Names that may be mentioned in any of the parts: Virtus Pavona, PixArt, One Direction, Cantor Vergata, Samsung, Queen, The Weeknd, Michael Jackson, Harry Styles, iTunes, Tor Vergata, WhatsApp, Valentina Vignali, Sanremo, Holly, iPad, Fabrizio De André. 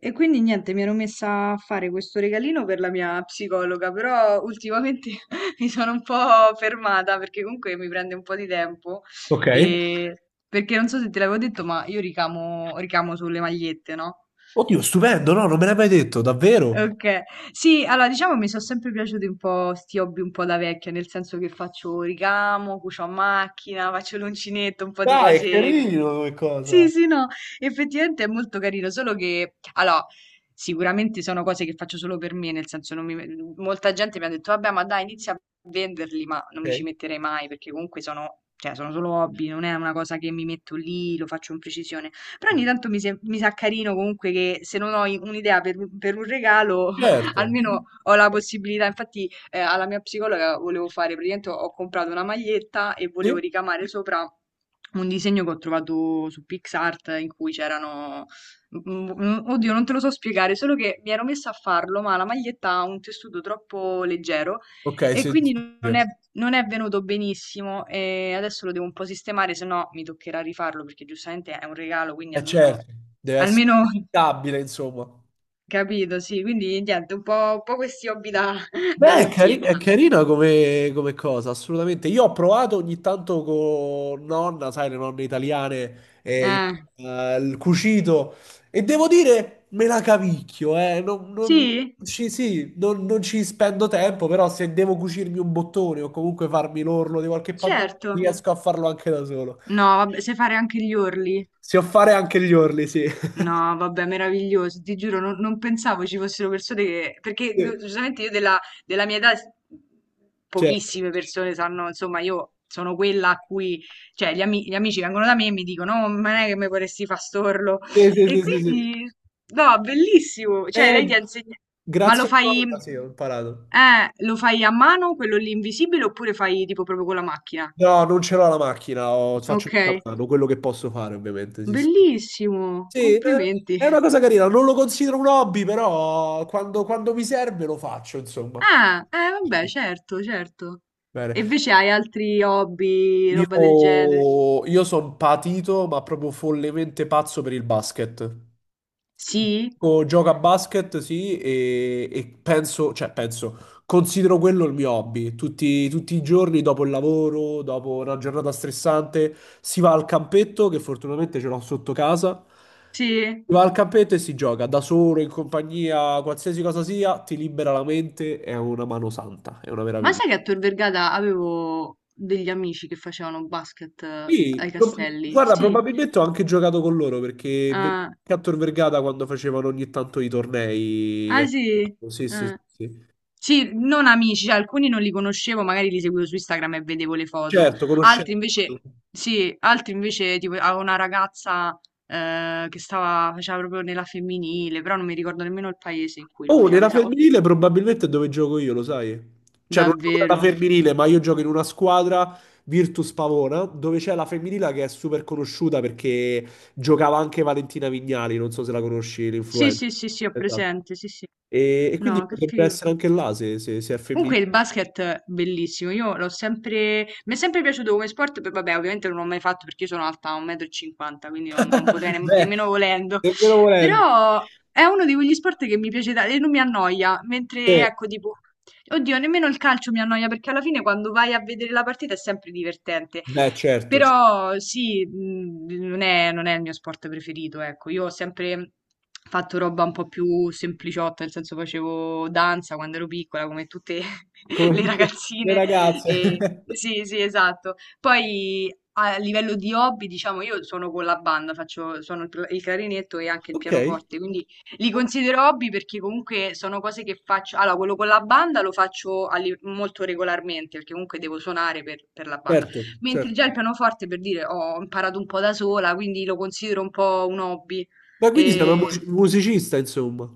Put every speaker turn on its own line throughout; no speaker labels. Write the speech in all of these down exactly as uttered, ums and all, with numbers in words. E quindi niente, mi ero messa a fare questo regalino per la mia psicologa, però ultimamente mi sono un po' fermata perché comunque mi prende un po' di tempo.
Ok.
E perché non so se te l'avevo detto, ma io ricamo, ricamo sulle magliette, no?
Oddio, stupendo, no? Non me l'hai mai detto, davvero?
Ok. Sì, allora diciamo mi sono sempre piaciuti un po' sti hobby un po' da vecchia, nel senso che faccio ricamo, cucio a macchina, faccio l'uncinetto, un po' di
Dai, è
cose.
carino come cosa.
Sì, sì, no, effettivamente è molto carino, solo che, allora, sicuramente sono cose che faccio solo per me, nel senso, non mi, molta gente mi ha detto, vabbè, ma dai, inizia a venderli, ma non mi ci
Ok,
metterei mai, perché comunque sono, cioè, sono solo hobby, non è una cosa che mi metto lì, lo faccio in precisione. Però ogni tanto mi, sem- mi sa carino comunque che se non ho i- un'idea per, per un regalo,
certo.
almeno ho la possibilità. Infatti, eh, alla mia psicologa volevo fare, praticamente ho ho comprato una maglietta e volevo
Sì?
ricamare sopra un disegno che ho trovato su PixArt in cui c'erano. mm, mm, Oddio, non te lo so spiegare, solo che mi ero messa a farlo, ma la maglietta ha un tessuto troppo leggero
Ok,
e
si
quindi non
distrugge.
è, non è venuto benissimo. E adesso lo devo un po' sistemare, se no mi toccherà rifarlo perché giustamente è un regalo, quindi
Eh
almeno,
certo, deve essere
almeno
stabile, insomma.
capito, sì, quindi niente, un po', un po' questi hobby da, da
Beh, è, cari- è
vecchietta.
carina come, come cosa, assolutamente. Io ho provato ogni tanto con nonna, sai, le nonne italiane, eh,
Eh,
il, eh, il cucito, e devo dire, me la cavicchio, eh. Non, non
sì,
ci, sì, non, non ci spendo tempo, però se devo cucirmi un bottone o comunque farmi l'orlo di qualche pantalone,
certo.
riesco a farlo anche da solo.
No, vabbè, sai fare anche gli orli?
Se fare anche gli orli, sì.
No, vabbè, meraviglioso, ti giuro, non, non pensavo ci fossero persone che. Perché giustamente io della, della mia età s-
Certo.
pochissime persone sanno, insomma, io sono quella a cui. Cioè, gli, ami- gli amici vengono da me e mi dicono, no, ma non è che mi vorresti fa storlo.
Sì, sì,
E
sì, sì, sì.
quindi, no, bellissimo. Cioè, lei
Eh,
ti ha insegnato. Ma lo
grazie a
fai,
cosa, sì, ho imparato.
eh, lo fai a mano, quello lì invisibile, oppure fai tipo proprio con la macchina?
No, non ce l'ho la macchina, ho- faccio
Ok,
tutto a mano, quello che posso fare ovviamente, sì, sì.
bellissimo,
Sì, eh,
complimenti.
è una cosa carina, non lo considero un hobby, però quando, quando mi serve lo faccio, insomma.
Ah, eh, vabbè, certo, certo.
Bene.
E invece hai altri hobby, roba del genere?
Io, io sono patito, ma proprio follemente pazzo per il basket.
Sì,
Gioco gioco a basket, sì, e, e penso, cioè penso, considero quello il mio hobby. Tutti, tutti i giorni dopo il lavoro, dopo una giornata stressante, si va al campetto, che fortunatamente ce l'ho sotto casa.
sì.
Si va al campetto e si gioca da solo, in compagnia, qualsiasi cosa sia, ti libera la mente, è una mano santa, è una
Ma
meraviglia.
sai che a Tor Vergata avevo degli amici che facevano basket eh,
Sì,
ai
pro-
castelli?
guarda,
Sì.
probabilmente ho anche giocato con loro perché ve-
Ah,
Cantor Vergata quando facevano ogni tanto i tornei.
ah,
eh,
sì.
Sì, sì, sì.
Ah.
Sì.
Sì, non amici, cioè, alcuni non li conoscevo, magari li seguivo su Instagram e vedevo le foto.
Certo,
Altri
conoscendo.
invece, sì, altri invece, tipo, avevo una ragazza eh, che stava, faceva proprio nella femminile, però non mi ricordo nemmeno il paese in cui lo
Oh,
faceva,
nella
mi sa, oh,
femminile probabilmente è dove gioco io, lo sai? Cioè, non gioco nella
davvero.
femminile, ma io gioco in una squadra Virtus Pavona, dove c'è la femminile che è super conosciuta perché giocava anche Valentina Vignali, non so se la conosci,
Sì,
l'influencer.
sì, sì, sì, ho
Esatto.
presente, sì, sì.
E, e quindi
No, che
potrebbe
figo.
essere anche là se, se se è
Comunque
femminile.
il basket è bellissimo, io l'ho sempre, mi è sempre piaciuto come sport. Poi vabbè ovviamente non l'ho mai fatto perché io sono alta un metro e cinquanta m, quindi non, non potrei nemm-
Beh,
nemmeno volendo,
nemmeno volendo.
però è uno di quegli sport che mi piace tanto e non mi annoia, mentre
Sì,
ecco tipo, oddio nemmeno il calcio mi annoia perché alla fine quando vai a vedere la partita è sempre divertente,
beh, certo, cioè,
però sì, mhmm, non è non è il mio sport preferito, ecco. Io ho sempre fatto roba un po' più sempliciotta, nel senso facevo danza quando ero piccola, come tutte
come
le
tutte le
ragazzine.
ragazze.
E sì, sì, esatto. Poi a livello di hobby, diciamo, io suono con la banda, faccio suono il pla il clarinetto e anche il
Ok,
pianoforte, quindi li considero hobby perché comunque sono cose che faccio. Allora quello con la banda lo faccio a li molto regolarmente, perché comunque devo suonare per per la banda.
certo,
Mentre
certo.
già il pianoforte, per dire, ho imparato un po' da sola, quindi lo considero un po' un hobby.
Ma quindi sei una mu-
E,
musicista, insomma.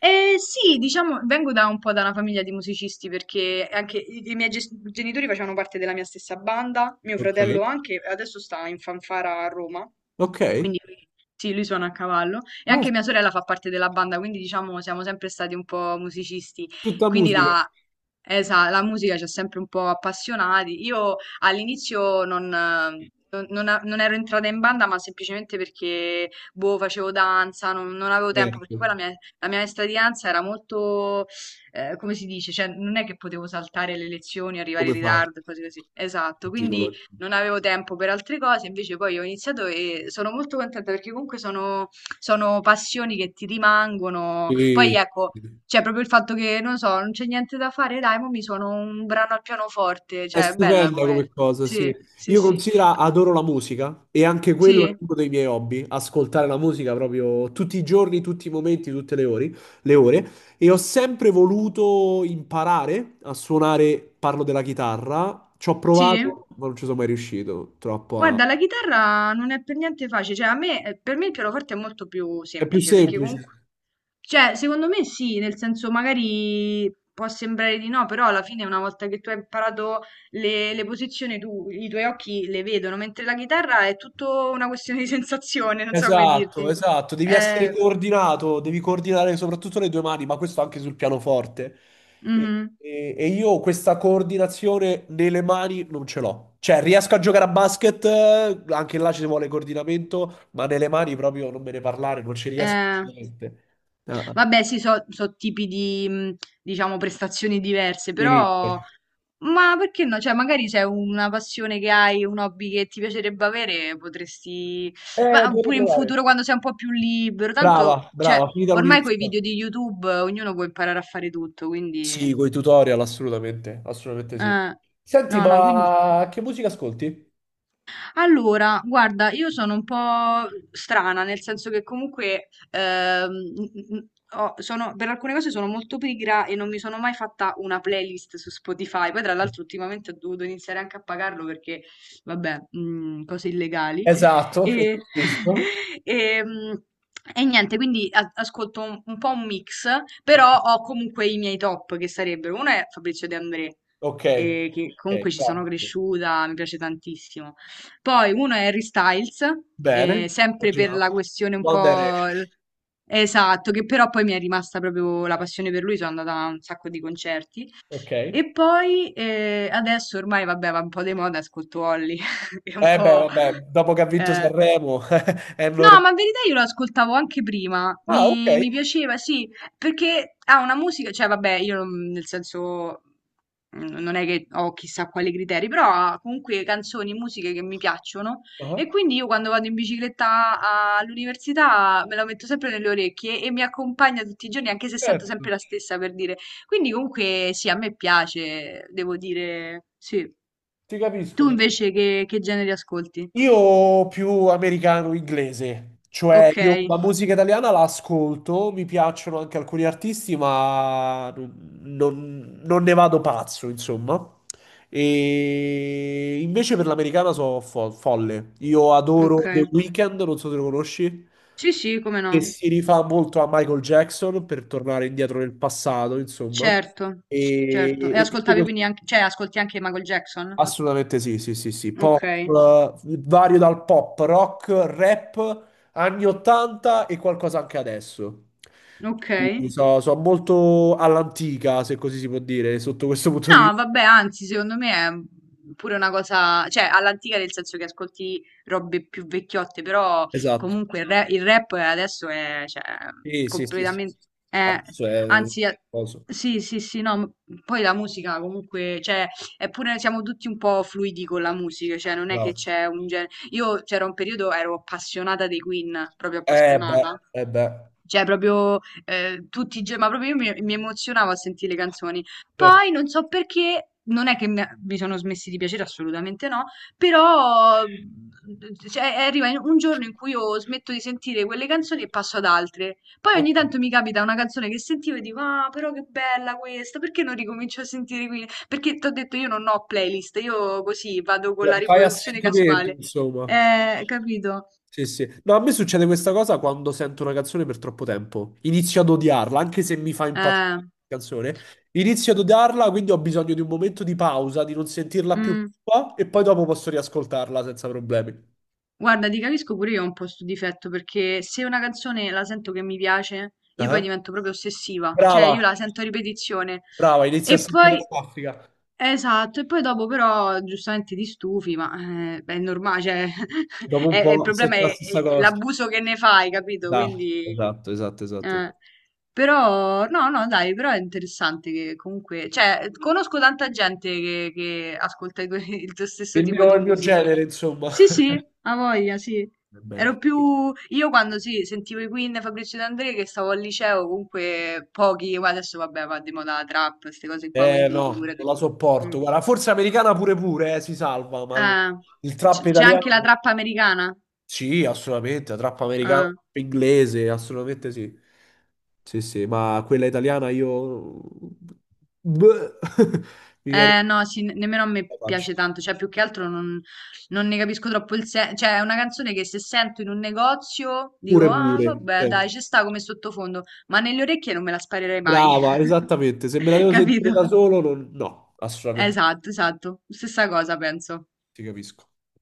e sì, diciamo, vengo da un po' da una famiglia di musicisti perché anche i, i miei ges- genitori facevano parte della mia stessa banda, mio
Ok,
fratello anche, adesso sta in fanfara a Roma.
ok.
Quindi lui- sì, lui suona a cavallo e
No,
anche mia sorella fa parte della banda, quindi diciamo siamo sempre stati un po' musicisti,
tutta
quindi
musica,
la, esa- la musica ci ha sempre un po' appassionati. Io all'inizio non, eh, non- non a- non ero entrata in banda, ma semplicemente perché boh, facevo danza, non, non avevo tempo, perché poi
certo.
la mia, la mia maestra di danza era molto, eh, come si dice, cioè non è che potevo saltare le lezioni, arrivare in
Come fai?
ritardo, cose così. Esatto,
Il
quindi
gigolo?
non avevo tempo per altre cose, invece poi ho iniziato e sono molto contenta perché comunque sono, sono passioni che ti rimangono. Poi
Sì.
ecco, c'è proprio il fatto che, non so, non c'è niente da fare, dai, mo mi suono un brano al pianoforte,
È
cioè è bella
stupenda
come.
come cosa, sì.
Sì, sì,
Io
sì,
considero, adoro la musica e anche quello è
sì,
uno dei miei hobby, ascoltare la musica proprio tutti i giorni, tutti i momenti, tutte le ore, le ore. E ho sempre voluto imparare a suonare, parlo della chitarra, ci ho
sì.
provato, ma non ci sono mai riuscito, troppo a.
Guarda, la chitarra non è per niente facile, cioè a me, eh, per me il pianoforte è molto più
È più
semplice perché comunque.
semplice.
Cioè, secondo me sì, nel senso magari può sembrare di no, però alla fine una volta che tu hai imparato le, le posizioni, tu, i tuoi occhi le vedono, mentre la chitarra è tutto una questione di sensazione, non so come
Esatto,
dirti.
esatto, devi essere
Eh,
coordinato, devi coordinare soprattutto le due mani, ma questo anche sul pianoforte. E,
mhm,
e- e io questa coordinazione nelle mani non ce l'ho. Cioè, riesco a giocare a basket, eh, anche là ci vuole coordinamento, ma nelle mani proprio non me ne parlare, non ci riesco
eh.
niente. Ah,
Vabbè, sì, so, so tipi di, mh, diciamo, prestazioni diverse,
sì.
però ma perché no? Cioè, magari c'è una passione che hai, un hobby che ti piacerebbe avere, potresti.
Eh,
Ma
devo
pure in
provare.
futuro, quando sei un po' più libero,
Brava,
tanto, cioè,
brava, finita
ormai con i
l'università.
video di YouTube eh, ognuno può imparare a fare tutto, quindi.
Sì, con i tutorial, assolutamente, assolutamente sì.
eh,
Senti,
no, no, quindi.
ma che musica ascolti?
Allora, guarda, io sono un po' strana, nel senso che comunque ehm, n- n- ho- sono- per alcune cose sono molto pigra e non mi sono mai fatta una playlist su Spotify. Poi, tra l'altro, ultimamente ho dovuto iniziare anche a pagarlo perché, vabbè, mm, cose illegali.
Esatto,
E,
giusto.
e, mm, e niente, quindi a- ascolto un, un po' un mix, però ho comunque i miei top che sarebbero, uno è Fabrizio De André,
Ok,
eh, che
ok,
comunque ci sono
grazie.
cresciuta, mi piace tantissimo. Poi uno è Harry Styles,
Bene,
eh, sempre per la
continuiamo.
questione un
One
po'.
Direction.
l- Esatto, che però poi mi è rimasta proprio la passione per lui, sono andata a un sacco di concerti.
Ok. Eh
E poi eh, adesso ormai, vabbè, va un po' di moda, ascolto Holly, che è un
beh,
po'.
vabbè, dopo che ha vinto
eh,
Sanremo è
No,
normale.
ma in verità io lo ascoltavo anche prima,
Ah, ok.
mi, mi piaceva, sì, perché ha una musica, cioè vabbè, io non- nel senso mm, non è che ho chissà quali criteri, però ha comunque canzoni, musiche che mi piacciono e
Ah,
quindi io quando vado in bicicletta a- all'università me la metto sempre nelle orecchie e mi accompagna tutti i giorni, anche se sento
certo.
sempre la stessa per dire. Quindi comunque sì, a me piace, devo dire, sì.
Ti capisco,
Tu
ti
invece che, che generi ascolti?
Io più americano-inglese, cioè
Ok,
io la musica italiana la ascolto, mi piacciono anche alcuni artisti, ma non, non- non ne vado pazzo, insomma. E invece per l'americana so fo- folle. Io
ok.
adoro The Weeknd, non so se lo conosci,
Sì, sì, come
che
no.
si rifà molto a Michael Jackson per tornare indietro nel passato, insomma.
Certo, certo.
E,
E
e tutti
ascoltavi
questi.
quindi anche, cioè ascolti anche Michael Jackson?
Assolutamente sì, sì, sì, sì. Pop,
Ok,
eh, vario dal pop, rock, rap, anni ottanta e qualcosa anche adesso.
ok.
Quindi so, so molto all'antica, se così si può dire, sotto questo punto di
No,
vista.
vabbè, anzi, secondo me è pure una cosa, cioè all'antica nel senso che ascolti robe più vecchiotte, però
Esatto.
comunque il, ra- il rap adesso è, cioè,
Sì, sì, sì, sì.
completamente, è-
Adesso è
anzi, è-
coso.
sì, sì, sì, no, ma poi la musica comunque, cioè, è pure, siamo tutti un po' fluidi con la musica, cioè non è
No.
che c'è un genere, io c'era un periodo, ero appassionata dei Queen, proprio
Eh beh,
appassionata.
eh beh.
Cioè, proprio eh, tutti i giorni, ma proprio io mi, mi emozionavo a sentire le canzoni.
Certo.
Poi non so perché, non è che mi, mi sono smessi di piacere, assolutamente no, però mm, cioè, arriva in- un giorno in cui io smetto di sentire quelle canzoni e passo ad altre. Poi ogni
Ok.
tanto mi capita una canzone che sentivo e dico, ah, però che bella questa, perché non ricomincio a sentire qui? Perché ti ho detto io non ho playlist, io così vado con la
Fai a
riproduzione
sentimento,
casuale.
insomma.
Eh, capito?
Sì, sì. No, a me succede questa cosa quando sento una canzone per troppo tempo. Inizio ad odiarla, anche se mi fa impazzire
Eh,
la canzone. Inizio ad odiarla, quindi ho bisogno di un momento di pausa, di non sentirla più
mm.
qua, e poi dopo posso riascoltarla senza problemi.
Guarda, ti capisco pure io ho un po' sto difetto perché se una canzone la sento che mi piace, io poi
Ah.
divento proprio ossessiva, cioè io
Brava,
la sento a ripetizione
brava, inizio a
e
sentire
poi
la raffica.
esatto, e poi dopo però giustamente ti stufi, ma eh, beh, è normale, cioè,
Dopo un
è- è- il
po'
problema
sento
è,
la
è
stessa cosa.
l'abuso che ne fai, capito?
Esatto,
Quindi,
esatto, esatto,
eh,
esatto.
però, no, no, dai, però è interessante che comunque, cioè, conosco tanta gente che, che ascolta i tuoi- il tuo stesso
Il
tipo
mio,
di
il mio
musica.
genere, insomma.
Sì, sì, ha voglia, sì.
Va bene.
Ero più. Io quando sì, sentivo i Queen, Fabrizio De André, che stavo al liceo, comunque pochi, ma adesso vabbè, va di moda la trap, queste cose qua,
Eh
quindi
no, non
figurati.
la
Mm.
sopporto. Guarda, forse americana pure pure, eh, si salva, ma il,
Ah,
il trap
c- c'è
italiano.
anche la trap americana?
Sì, assolutamente, la trap americana, la
Ah.
trap inglese, assolutamente sì. Sì, sì, ma quella italiana io. Bleh. Mi viene.
Eh, no, sì, ne- nemmeno a me
La faccio.
piace tanto, cioè più che altro non, non ne capisco troppo il senso, cioè è una canzone che se sento in un negozio dico,
Pure
ah,
pure.
vabbè,
Cioè,
dai, ci sta come sottofondo, ma nelle orecchie non me la sparerei mai,
brava, esattamente. Se me la devo sentire
capito?
da solo, non- no, assolutamente. No,
Esatto, esatto. Stessa cosa penso.
ti capisco.